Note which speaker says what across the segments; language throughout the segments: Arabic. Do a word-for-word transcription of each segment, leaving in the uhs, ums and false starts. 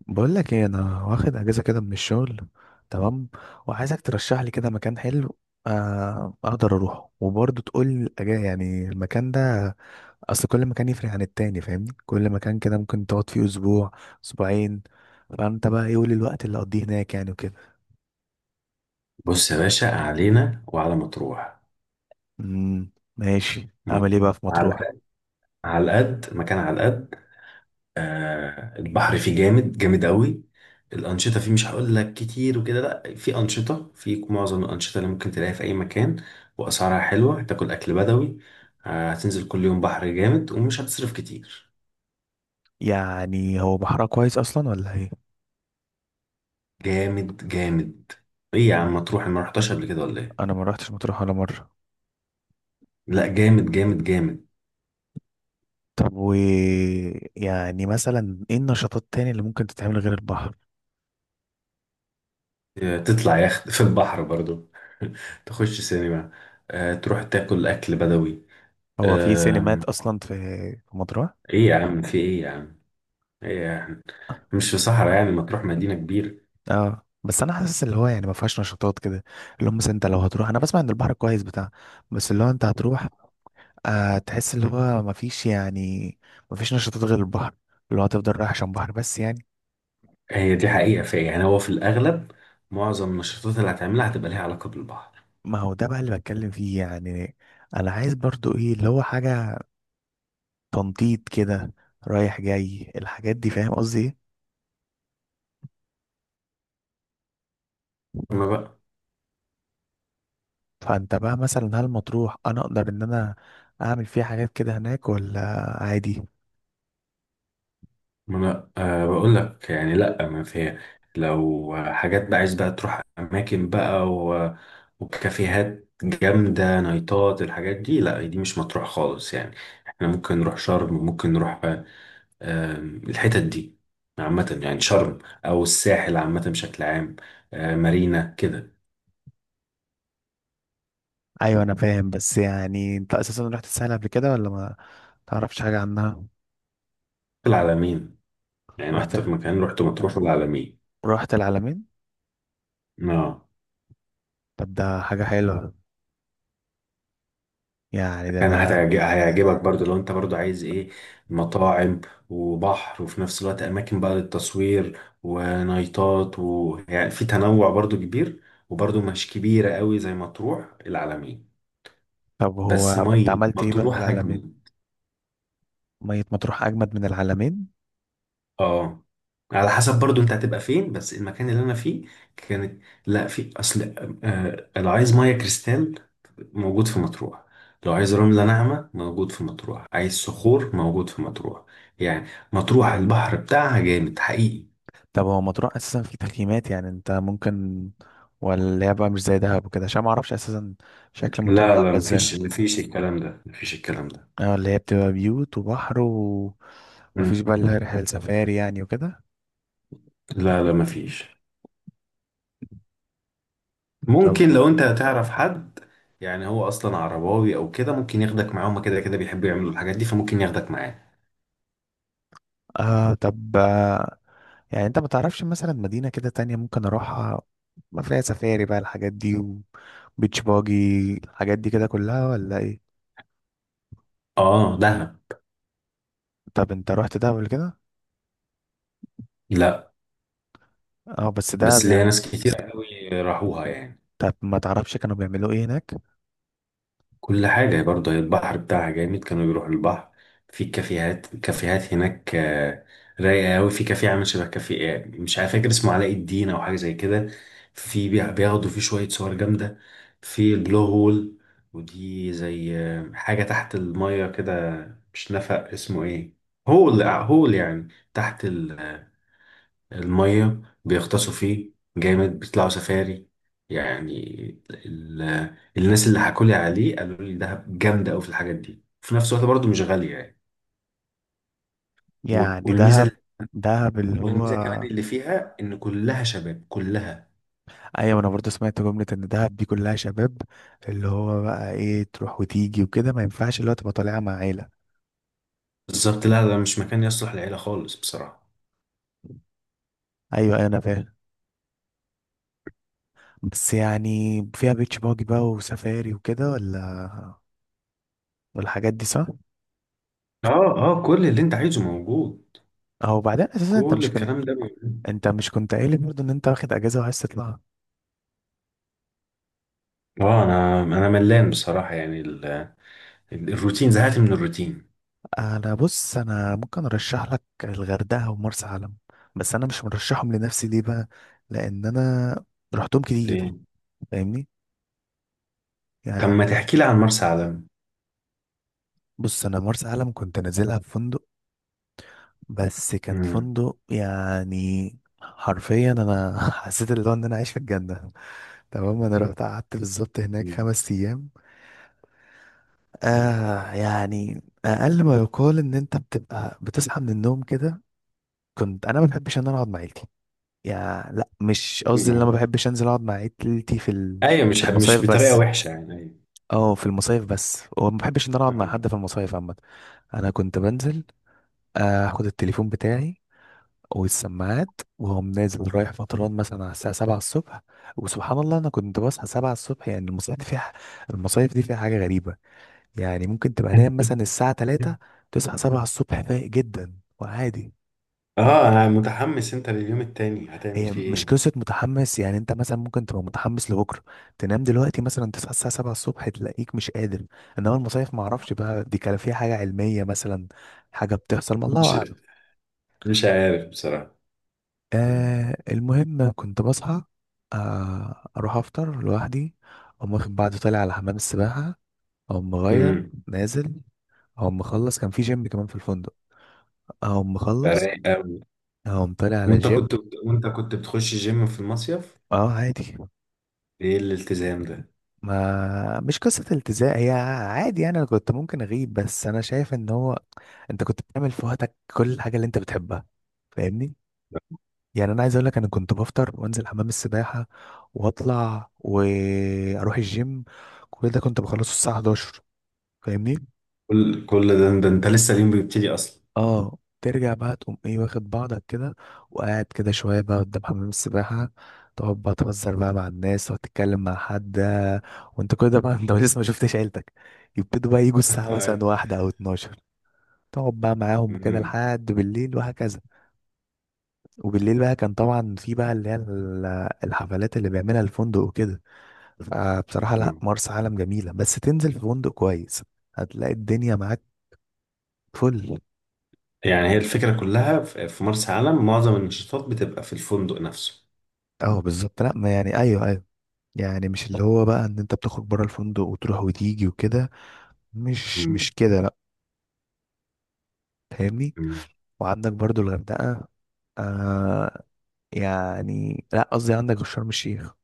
Speaker 1: بقول لك ايه، انا واخد اجازه كده من الشغل. تمام. وعايزك ترشح لي كده مكان حلو، آه، اقدر اروحه وبرضه تقول لي الأجا- يعني المكان ده. اصل كل مكان يفرق عن التاني، فاهمني؟ كل مكان كده ممكن تقعد فيه اسبوع، اسبوعين. فانت بقى ايه؟ قول الوقت اللي اقضيه هناك يعني وكده.
Speaker 2: بص يا باشا، علينا وعلى مطروح.
Speaker 1: امم ماشي، اعمل
Speaker 2: مط-
Speaker 1: ايه بقى في مطروح؟
Speaker 2: على على القد مكان على القد. آه، البحر فيه جامد جامد قوي. الأنشطة فيه، مش هقول لك كتير وكده، لا، في أنشطة، في معظم الأنشطة اللي ممكن تلاقيها في أي مكان. وأسعارها حلوة، هتاكل أكل بدوي. آه، هتنزل كل يوم بحر جامد، ومش هتصرف كتير.
Speaker 1: يعني هو بحرها كويس اصلا ولا ايه؟
Speaker 2: جامد جامد. إيه يا
Speaker 1: مم،
Speaker 2: عم مطروح، أنا ما رحتهاش قبل كده ولا إيه؟
Speaker 1: انا ما رحتش مطروح ولا مره.
Speaker 2: لا، جامد جامد جامد.
Speaker 1: طب و يعني مثلا ايه النشاطات تاني اللي ممكن تتعمل غير البحر؟
Speaker 2: تطلع يخت في البحر برضو تخش سينما. آه، تروح تاكل أكل بدوي.
Speaker 1: هو في سينمات
Speaker 2: آم،
Speaker 1: اصلا في في مطروح؟
Speaker 2: إيه يا عم، في إيه يا عم، إيه يا عم، مش في صحراء يعني، ما تروح مدينة كبيرة.
Speaker 1: اه، بس انا حاسس اللي هو يعني ما فيهاش نشاطات كده، اللي هم مثلا انت لو هتروح، انا بسمع ان البحر كويس بتاع، بس اللي هو انت هتروح، آه تحس اللي هو ما فيش يعني، ما فيش نشاطات غير البحر، اللي هو هتفضل رايح عشان بحر بس يعني.
Speaker 2: هي دي حقيقة، في يعني، هو في الأغلب معظم النشاطات اللي هتعملها هتبقى ليها علاقة بالبحر.
Speaker 1: ما هو ده بقى اللي بتكلم فيه يعني. انا عايز برضو ايه اللي هو حاجة تنطيط كده، رايح جاي الحاجات دي، فاهم قصدي ايه؟
Speaker 2: أما بقى،
Speaker 1: فانت بقى مثلا هل مطروح انا اقدر ان انا اعمل فيها حاجات كده هناك ولا عادي؟
Speaker 2: ما انا أه بقول لك يعني لا، ما في. لو حاجات بقى عايز بقى تروح اماكن بقى و... وكافيهات جامده، نايتات، الحاجات دي، لا دي مش مطروح خالص يعني. احنا ممكن نروح شرم، ممكن نروح، آه، آم، الحتت دي عامه يعني، شرم او الساحل عامه بشكل عام. آه، مارينا كده.
Speaker 1: ايوه انا فاهم، بس يعني انت اساسا رحت الساحل قبل كده ولا ما تعرفش حاجه عنها؟
Speaker 2: العلمين. يعني
Speaker 1: رحت
Speaker 2: اكتر مكان رحت، مطروح، العلمين.
Speaker 1: رحت العلمين؟
Speaker 2: اه،
Speaker 1: طب ده حاجه حلوه، يعني ده
Speaker 2: كان
Speaker 1: انا.
Speaker 2: هتعج- هيعجبك برضو لو انت برضو عايز ايه، مطاعم وبحر، وفي نفس الوقت اماكن بقى للتصوير ونايتات، ويعني في تنوع برضو كبير. وبرضو مش كبيرة قوي زي مطروح، العلمين.
Speaker 1: طب هو
Speaker 2: بس
Speaker 1: انت
Speaker 2: مية
Speaker 1: عملت ايه بقى في
Speaker 2: مطروح
Speaker 1: العلمين؟
Speaker 2: اجمل.
Speaker 1: ميه مطروح اجمد من العلمين.
Speaker 2: اه، على حسب برضو انت هتبقى فين. بس المكان اللي انا فيه كانت، لا، في اصل، آه لو عايز ميه كريستال موجود في مطروح، لو عايز رملة ناعمة موجود في مطروح، عايز صخور موجود في مطروح يعني. مطروح البحر بتاعها جامد حقيقي.
Speaker 1: طب هو مطروح اساسا في تخييمات يعني؟ انت ممكن ولا اللي هي بقى مش زي دهب وكده؟ عشان ما اعرفش اساسا شكل مطروح
Speaker 2: لا
Speaker 1: عامله
Speaker 2: لا،
Speaker 1: ازاي.
Speaker 2: مفيش، مفيش الكلام ده، مفيش الكلام ده.
Speaker 1: اه، اللي هي بتبقى بيوت وبحر
Speaker 2: مم.
Speaker 1: ومفيش بقى اللي هي رحله سفاري يعني وكده؟
Speaker 2: لا لا، مفيش.
Speaker 1: طب
Speaker 2: ممكن لو انت هتعرف حد يعني، هو اصلا عرباوي او كده، ممكن ياخدك معاه. هما كده كده بيحبوا يعملوا الحاجات دي، فممكن ياخدك معاه.
Speaker 1: آه طب آه، يعني انت ما تعرفش مثلا مدينة كده تانية ممكن اروحها، ما فيها سفاري بقى الحاجات دي، وبيتش باجي الحاجات دي كده كلها ولا ايه؟
Speaker 2: اه، دهب.
Speaker 1: طب انت رحت دهب قبل كده؟
Speaker 2: لا،
Speaker 1: اه، بس
Speaker 2: بس
Speaker 1: دهب
Speaker 2: ليا
Speaker 1: يعني.
Speaker 2: ناس كتير قوي راحوها يعني.
Speaker 1: طب ما تعرفش كانوا بيعملوا ايه هناك؟
Speaker 2: كل حاجة برضه، هي البحر بتاعها جامد، كانوا بيروحوا البحر. في كافيهات كافيهات هناك، آه، رايقة قوي. في كافيه عامل شبه كافيه، آه، مش عارف، فاكر اسمه علاء الدين أو حاجة زي كده. في بي- بياخدوا فيه شوية صور جامدة. في البلو هول، ودي زي آه، حاجة تحت المية كده. مش نفق، اسمه ايه، هول، آه، هول يعني، تحت المية بيغطسوا فيه. جامد. بيطلعوا سفاري يعني. ال... الناس اللي حكولي عليه قالوا لي دهب جامدة أوي في الحاجات دي، في نفس الوقت برضه مش غالية يعني. و-
Speaker 1: يعني دهب،
Speaker 2: والميزة
Speaker 1: دهب اللي هو.
Speaker 2: والميزة كمان اللي فيها إن كلها شباب، كلها.
Speaker 1: ايوه انا برضه سمعت جملة ان دهب دي كلها شباب، اللي هو بقى ايه؟ تروح وتيجي وكده، ما ينفعش اللي هو تبقى طالعة مع عيلة.
Speaker 2: بالظبط، لا، ده مش مكان يصلح للعيلة خالص بصراحة.
Speaker 1: ايوه ايوه انا فاهم، بس يعني فيها بيتش باجي بقى وسفاري وكده ولا؟ والحاجات دي صح؟
Speaker 2: اه اه، كل اللي انت عايزه موجود.
Speaker 1: او بعدين اساسا انت
Speaker 2: كل
Speaker 1: مش كنت،
Speaker 2: الكلام ده موجود.
Speaker 1: انت مش كنت قايل لي برضه ان انت واخد اجازه وعايز تطلع؟
Speaker 2: اه، انا انا ملان بصراحة يعني، ال... ال- الروتين، زهقت من الروتين.
Speaker 1: انا بص، انا ممكن ارشح لك الغردقه ومرسى علم، بس انا مش مرشحهم لنفسي، ليه بقى؟ لان انا رحتهم
Speaker 2: ليه؟
Speaker 1: كتير، فاهمني؟
Speaker 2: طب
Speaker 1: يعني
Speaker 2: ما تحكي لي عن مرسى علم.
Speaker 1: بص، انا مرسى علم كنت نازلها في فندق، بس كان فندق يعني حرفيا انا حسيت اللي هو ان انا عايش في الجنه. تمام، انا رحت قعدت بالظبط هناك خمس ايام. آه يعني أقل ما يقال إن أنت بتبقى بتصحى من النوم كده. كنت أنا ما بحبش إن أنا أقعد مع عيلتي، يعني لا مش قصدي إن أنا
Speaker 2: امم.
Speaker 1: ما بحبش أنزل أقعد مع عيلتي في ال...
Speaker 2: ايوه، مش
Speaker 1: في
Speaker 2: حب مش
Speaker 1: المصايف
Speaker 2: بطريقه
Speaker 1: بس.
Speaker 2: وحشه يعني، ايوه.
Speaker 1: أه في المصايف بس، وما بحبش إن أنا أقعد مع حد في المصايف عامة. أنا كنت بنزل، آه، آخد التليفون بتاعي والسماعات، وهم نازل رايح فطران مثلا على الساعة سبعة الصبح. وسبحان الله أنا كنت بصحى سبعة الصبح. يعني المصايف دي فيها، المصايف دي فيها حاجة غريبة. يعني ممكن تبقى نايم مثلا الساعة تلاتة، تصحى السابعة الصبح فايق جدا وعادي.
Speaker 2: اه انا متحمس، انت لليوم التاني هتعمل
Speaker 1: هي
Speaker 2: فيه
Speaker 1: مش
Speaker 2: ايه؟
Speaker 1: قصة متحمس، يعني انت مثلا ممكن تبقى متحمس لبكرة، تنام دلوقتي مثلا تصحى الساعة سبعة الصبح تلاقيك مش قادر. انما المصايف معرفش بقى دي كان فيها حاجة علمية مثلا، حاجة بتحصل ما الله
Speaker 2: مش
Speaker 1: اعلم.
Speaker 2: مش عارف بصراحه.
Speaker 1: آه، المهم كنت بصحى، آه اروح افطر لوحدي، اقوم واخد بعض طالع على حمام السباحة، اقوم مغير
Speaker 2: امم.
Speaker 1: نازل، اقوم مخلص كان في جيم كمان في الفندق، اقوم مخلص،
Speaker 2: رايق قوي.
Speaker 1: اقوم طالع على
Speaker 2: وانت
Speaker 1: الجيم.
Speaker 2: كنت وانت كنت بتخش جيم في المصيف؟
Speaker 1: اه عادي.
Speaker 2: ايه الالتزام ده؟
Speaker 1: ما مش قصة التزام، هي عادي يعني، انا كنت ممكن اغيب، بس انا شايف ان هو انت كنت بتعمل في وقتك كل الحاجة اللي انت بتحبها، فاهمني؟ يعني انا عايز اقول لك، انا كنت بفطر وانزل حمام السباحة واطلع واروح الجيم، كل ده كنت بخلصه الساعة الحادية عشرة، فاهمني؟
Speaker 2: كل كل ده ده انت لسه اليوم بيبتدي اصلا.
Speaker 1: اه ترجع بقى تقوم ايه واخد بعضك كده، وقاعد كده شوية بقى قدام حمام السباحة، تقعد بقى تهزر بقى مع الناس وتتكلم مع حد، آه، وانت كده بقى انت لسه ما شفتش عيلتك. يبتدوا بقى يجوا الساعة مثلا
Speaker 2: أيوة.
Speaker 1: واحدة أو اتناشر، تقعد بقى معاهم وكده
Speaker 2: أمم.
Speaker 1: لحد بالليل وهكذا. وبالليل بقى كان طبعا في بقى اللي هي ال- الحفلات اللي بيعملها الفندق وكده. فبصراحة لا،
Speaker 2: أمم.
Speaker 1: مرسى علم جميلة بس تنزل في فندق كويس، هتلاقي الدنيا معاك، فل.
Speaker 2: يعني هي الفكره كلها في في مرسى علم، معظم النشاطات بتبقى في الفندق نفسه.
Speaker 1: اه بالظبط، لا ما يعني ايوه ايوه. يعني مش اللي هو بقى ان انت بتخرج بره الفندق وتروح وتيجي وكده، مش مش كده لا، فاهمني؟
Speaker 2: أمم.
Speaker 1: وعندك برضو الغردقة، آه يعني لا قصدي عندك شرم الشيخ.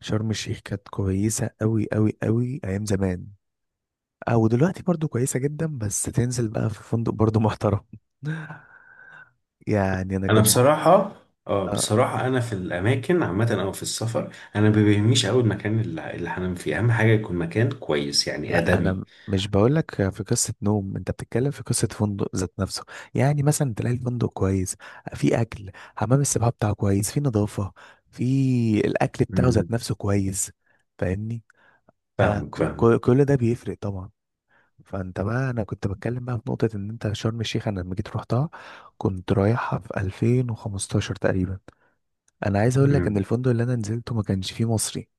Speaker 1: شرم الشيخ كانت كويسة قوي قوي قوي ايام زمان، او دلوقتي برضو كويسة جدا، بس تنزل بقى في فندق برضو محترم. يعني انا
Speaker 2: انا
Speaker 1: كنت،
Speaker 2: بصراحه، اه بصراحه، انا في الاماكن عامه او في السفر، انا ما بيهمنيش قوي المكان اللي اللي هنام فيه، اهم حاجه يكون مكان كويس يعني،
Speaker 1: لا انا
Speaker 2: ادمي.
Speaker 1: م- مش بقول لك في قصه نوم، انت بتتكلم في قصه فندق ذات نفسه. يعني مثلا تلاقي الفندق كويس، في اكل، حمام السباحه بتاعه كويس، في نظافه، في الاكل بتاعه
Speaker 2: امم.
Speaker 1: ذات نفسه كويس، فاهمني؟ آه
Speaker 2: فاهمك
Speaker 1: ك-
Speaker 2: فاهمك.
Speaker 1: ك- كل ده بيفرق طبعا. فانت بقى انا كنت بتكلم بقى في نقطه ان انت شرم الشيخ انا لما جيت روحتها، كنت رايحها في ألفين وخمستاشر تقريبا. انا عايز اقول لك
Speaker 2: امم.
Speaker 1: ان الفندق اللي انا نزلته ما كانش فيه مصري،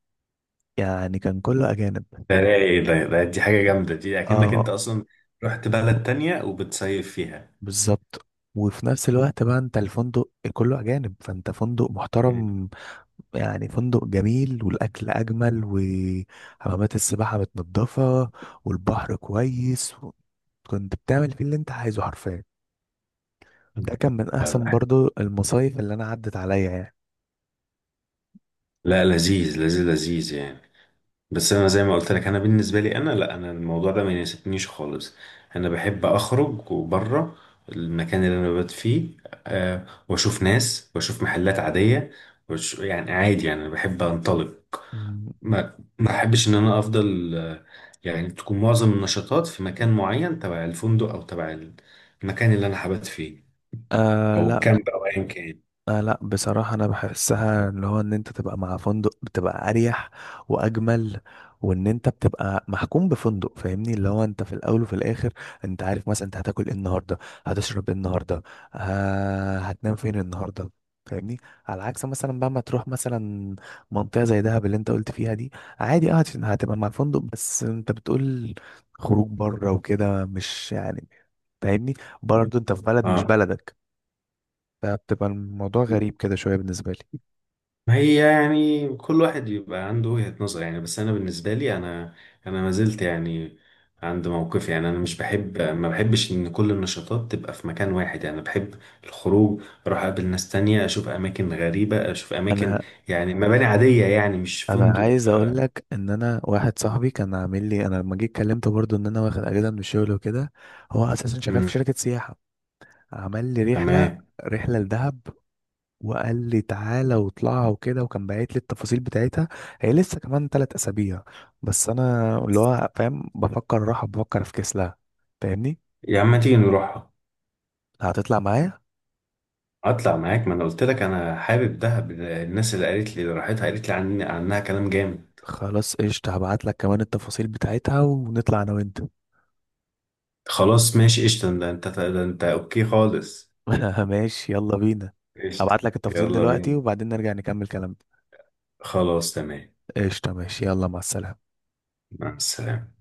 Speaker 1: يعني كان كله اجانب.
Speaker 2: ده رايق، ده, ده، دي حاجه جامده دي، اكنك
Speaker 1: اه
Speaker 2: انت اصلا رحت بلد تانية وبتصيف فيها.
Speaker 1: بالظبط. وفي نفس الوقت بقى انت الفندق كله اجانب، فانت فندق
Speaker 2: مم.
Speaker 1: محترم، يعني فندق جميل، والاكل اجمل، وحمامات السباحه متنضفه، والبحر كويس و... كنت بتعمل فيه اللي انت عايزه حرفيا. ده كان من
Speaker 2: لا
Speaker 1: احسن
Speaker 2: لا،
Speaker 1: برضو المصايف اللي انا عدت عليا يعني.
Speaker 2: لا، لذيذ لذيذ لذيذ يعني. بس انا زي ما قلت لك، انا بالنسبه لي انا، لا، انا الموضوع ده ما يناسبنيش خالص. انا بحب اخرج وبره المكان اللي انا ببات فيه، أه واشوف ناس واشوف محلات عاديه، وش يعني عادي يعني، انا بحب انطلق.
Speaker 1: مم.
Speaker 2: ما ما احبش ان انا افضل، آه، يعني تكون معظم النشاطات في مكان معين تبع الفندق، او تبع المكان اللي انا حبات فيه،
Speaker 1: آه
Speaker 2: او
Speaker 1: لا،
Speaker 2: الكامب، او ايا كان.
Speaker 1: آه لا بصراحة، أنا بحسها اللي هو إن أنت تبقى مع فندق بتبقى أريح وأجمل. وإن أنت بتبقى محكوم بفندق، فاهمني؟ اللي هو أنت في الأول وفي الآخر أنت عارف مثلا أنت هتاكل إيه النهاردة، هتشرب إيه النهاردة، آه هتنام فين النهاردة، فاهمني؟ على عكس مثلا بقى ما تروح مثلا منطقة زي دهب اللي أنت قلت فيها دي. عادي، أه هت- هتبقى مع الفندق، بس أنت بتقول خروج بره وكده، مش يعني، فاهمني؟ برضه أنت في بلد مش
Speaker 2: اه،
Speaker 1: بلدك، فبتبقى الموضوع غريب كده شويه بالنسبه لي.
Speaker 2: ما هي يعني كل واحد بيبقى عنده وجهة نظر يعني، بس انا بالنسبه لي انا، انا ما زلت يعني عند موقفي يعني. انا مش بحب، ما بحبش ان كل النشاطات تبقى في مكان واحد يعني. بحب الخروج، اروح اقابل ناس تانية، اشوف اماكن غريبه، اشوف اماكن
Speaker 1: انا
Speaker 2: يعني مباني عاديه يعني، مش
Speaker 1: انا
Speaker 2: فندق.
Speaker 1: عايز اقول لك ان انا واحد صاحبي كان عامل لي، انا لما جيت كلمته برضو ان انا واخد اجازه من الشغل وكده، هو اساسا شغال في
Speaker 2: امم.
Speaker 1: شركه سياحه، عمل لي رحله،
Speaker 2: تمام.
Speaker 1: رحله لدهب، وقال لي تعالى واطلعها وكده، وكان باعت لي التفاصيل بتاعتها. هي لسه كمان ثلاث اسابيع. بس انا اللي هو فاهم، بفكر راحه، بفكر في كسلها، فاهمني؟
Speaker 2: يا عم ما تيجي نروح.
Speaker 1: هتطلع معايا؟
Speaker 2: اطلع معاك، ما انا قلت لك انا حابب دهب، الناس اللي قالت لي اللي راحتها قالت لي عن عنها كلام جامد.
Speaker 1: خلاص قشطة، هبعت لك كمان التفاصيل بتاعتها ونطلع انا وانت.
Speaker 2: خلاص ماشي قشطه، ده انت ده انت اوكي خالص.
Speaker 1: ماشي يلا بينا.
Speaker 2: قشطة.
Speaker 1: هبعت لك التفاصيل
Speaker 2: يلا
Speaker 1: دلوقتي،
Speaker 2: بينا.
Speaker 1: وبعدين نرجع نكمل كلام.
Speaker 2: خلاص تمام.
Speaker 1: قشطة ماشي، يلا مع السلامة.
Speaker 2: مع السلامة.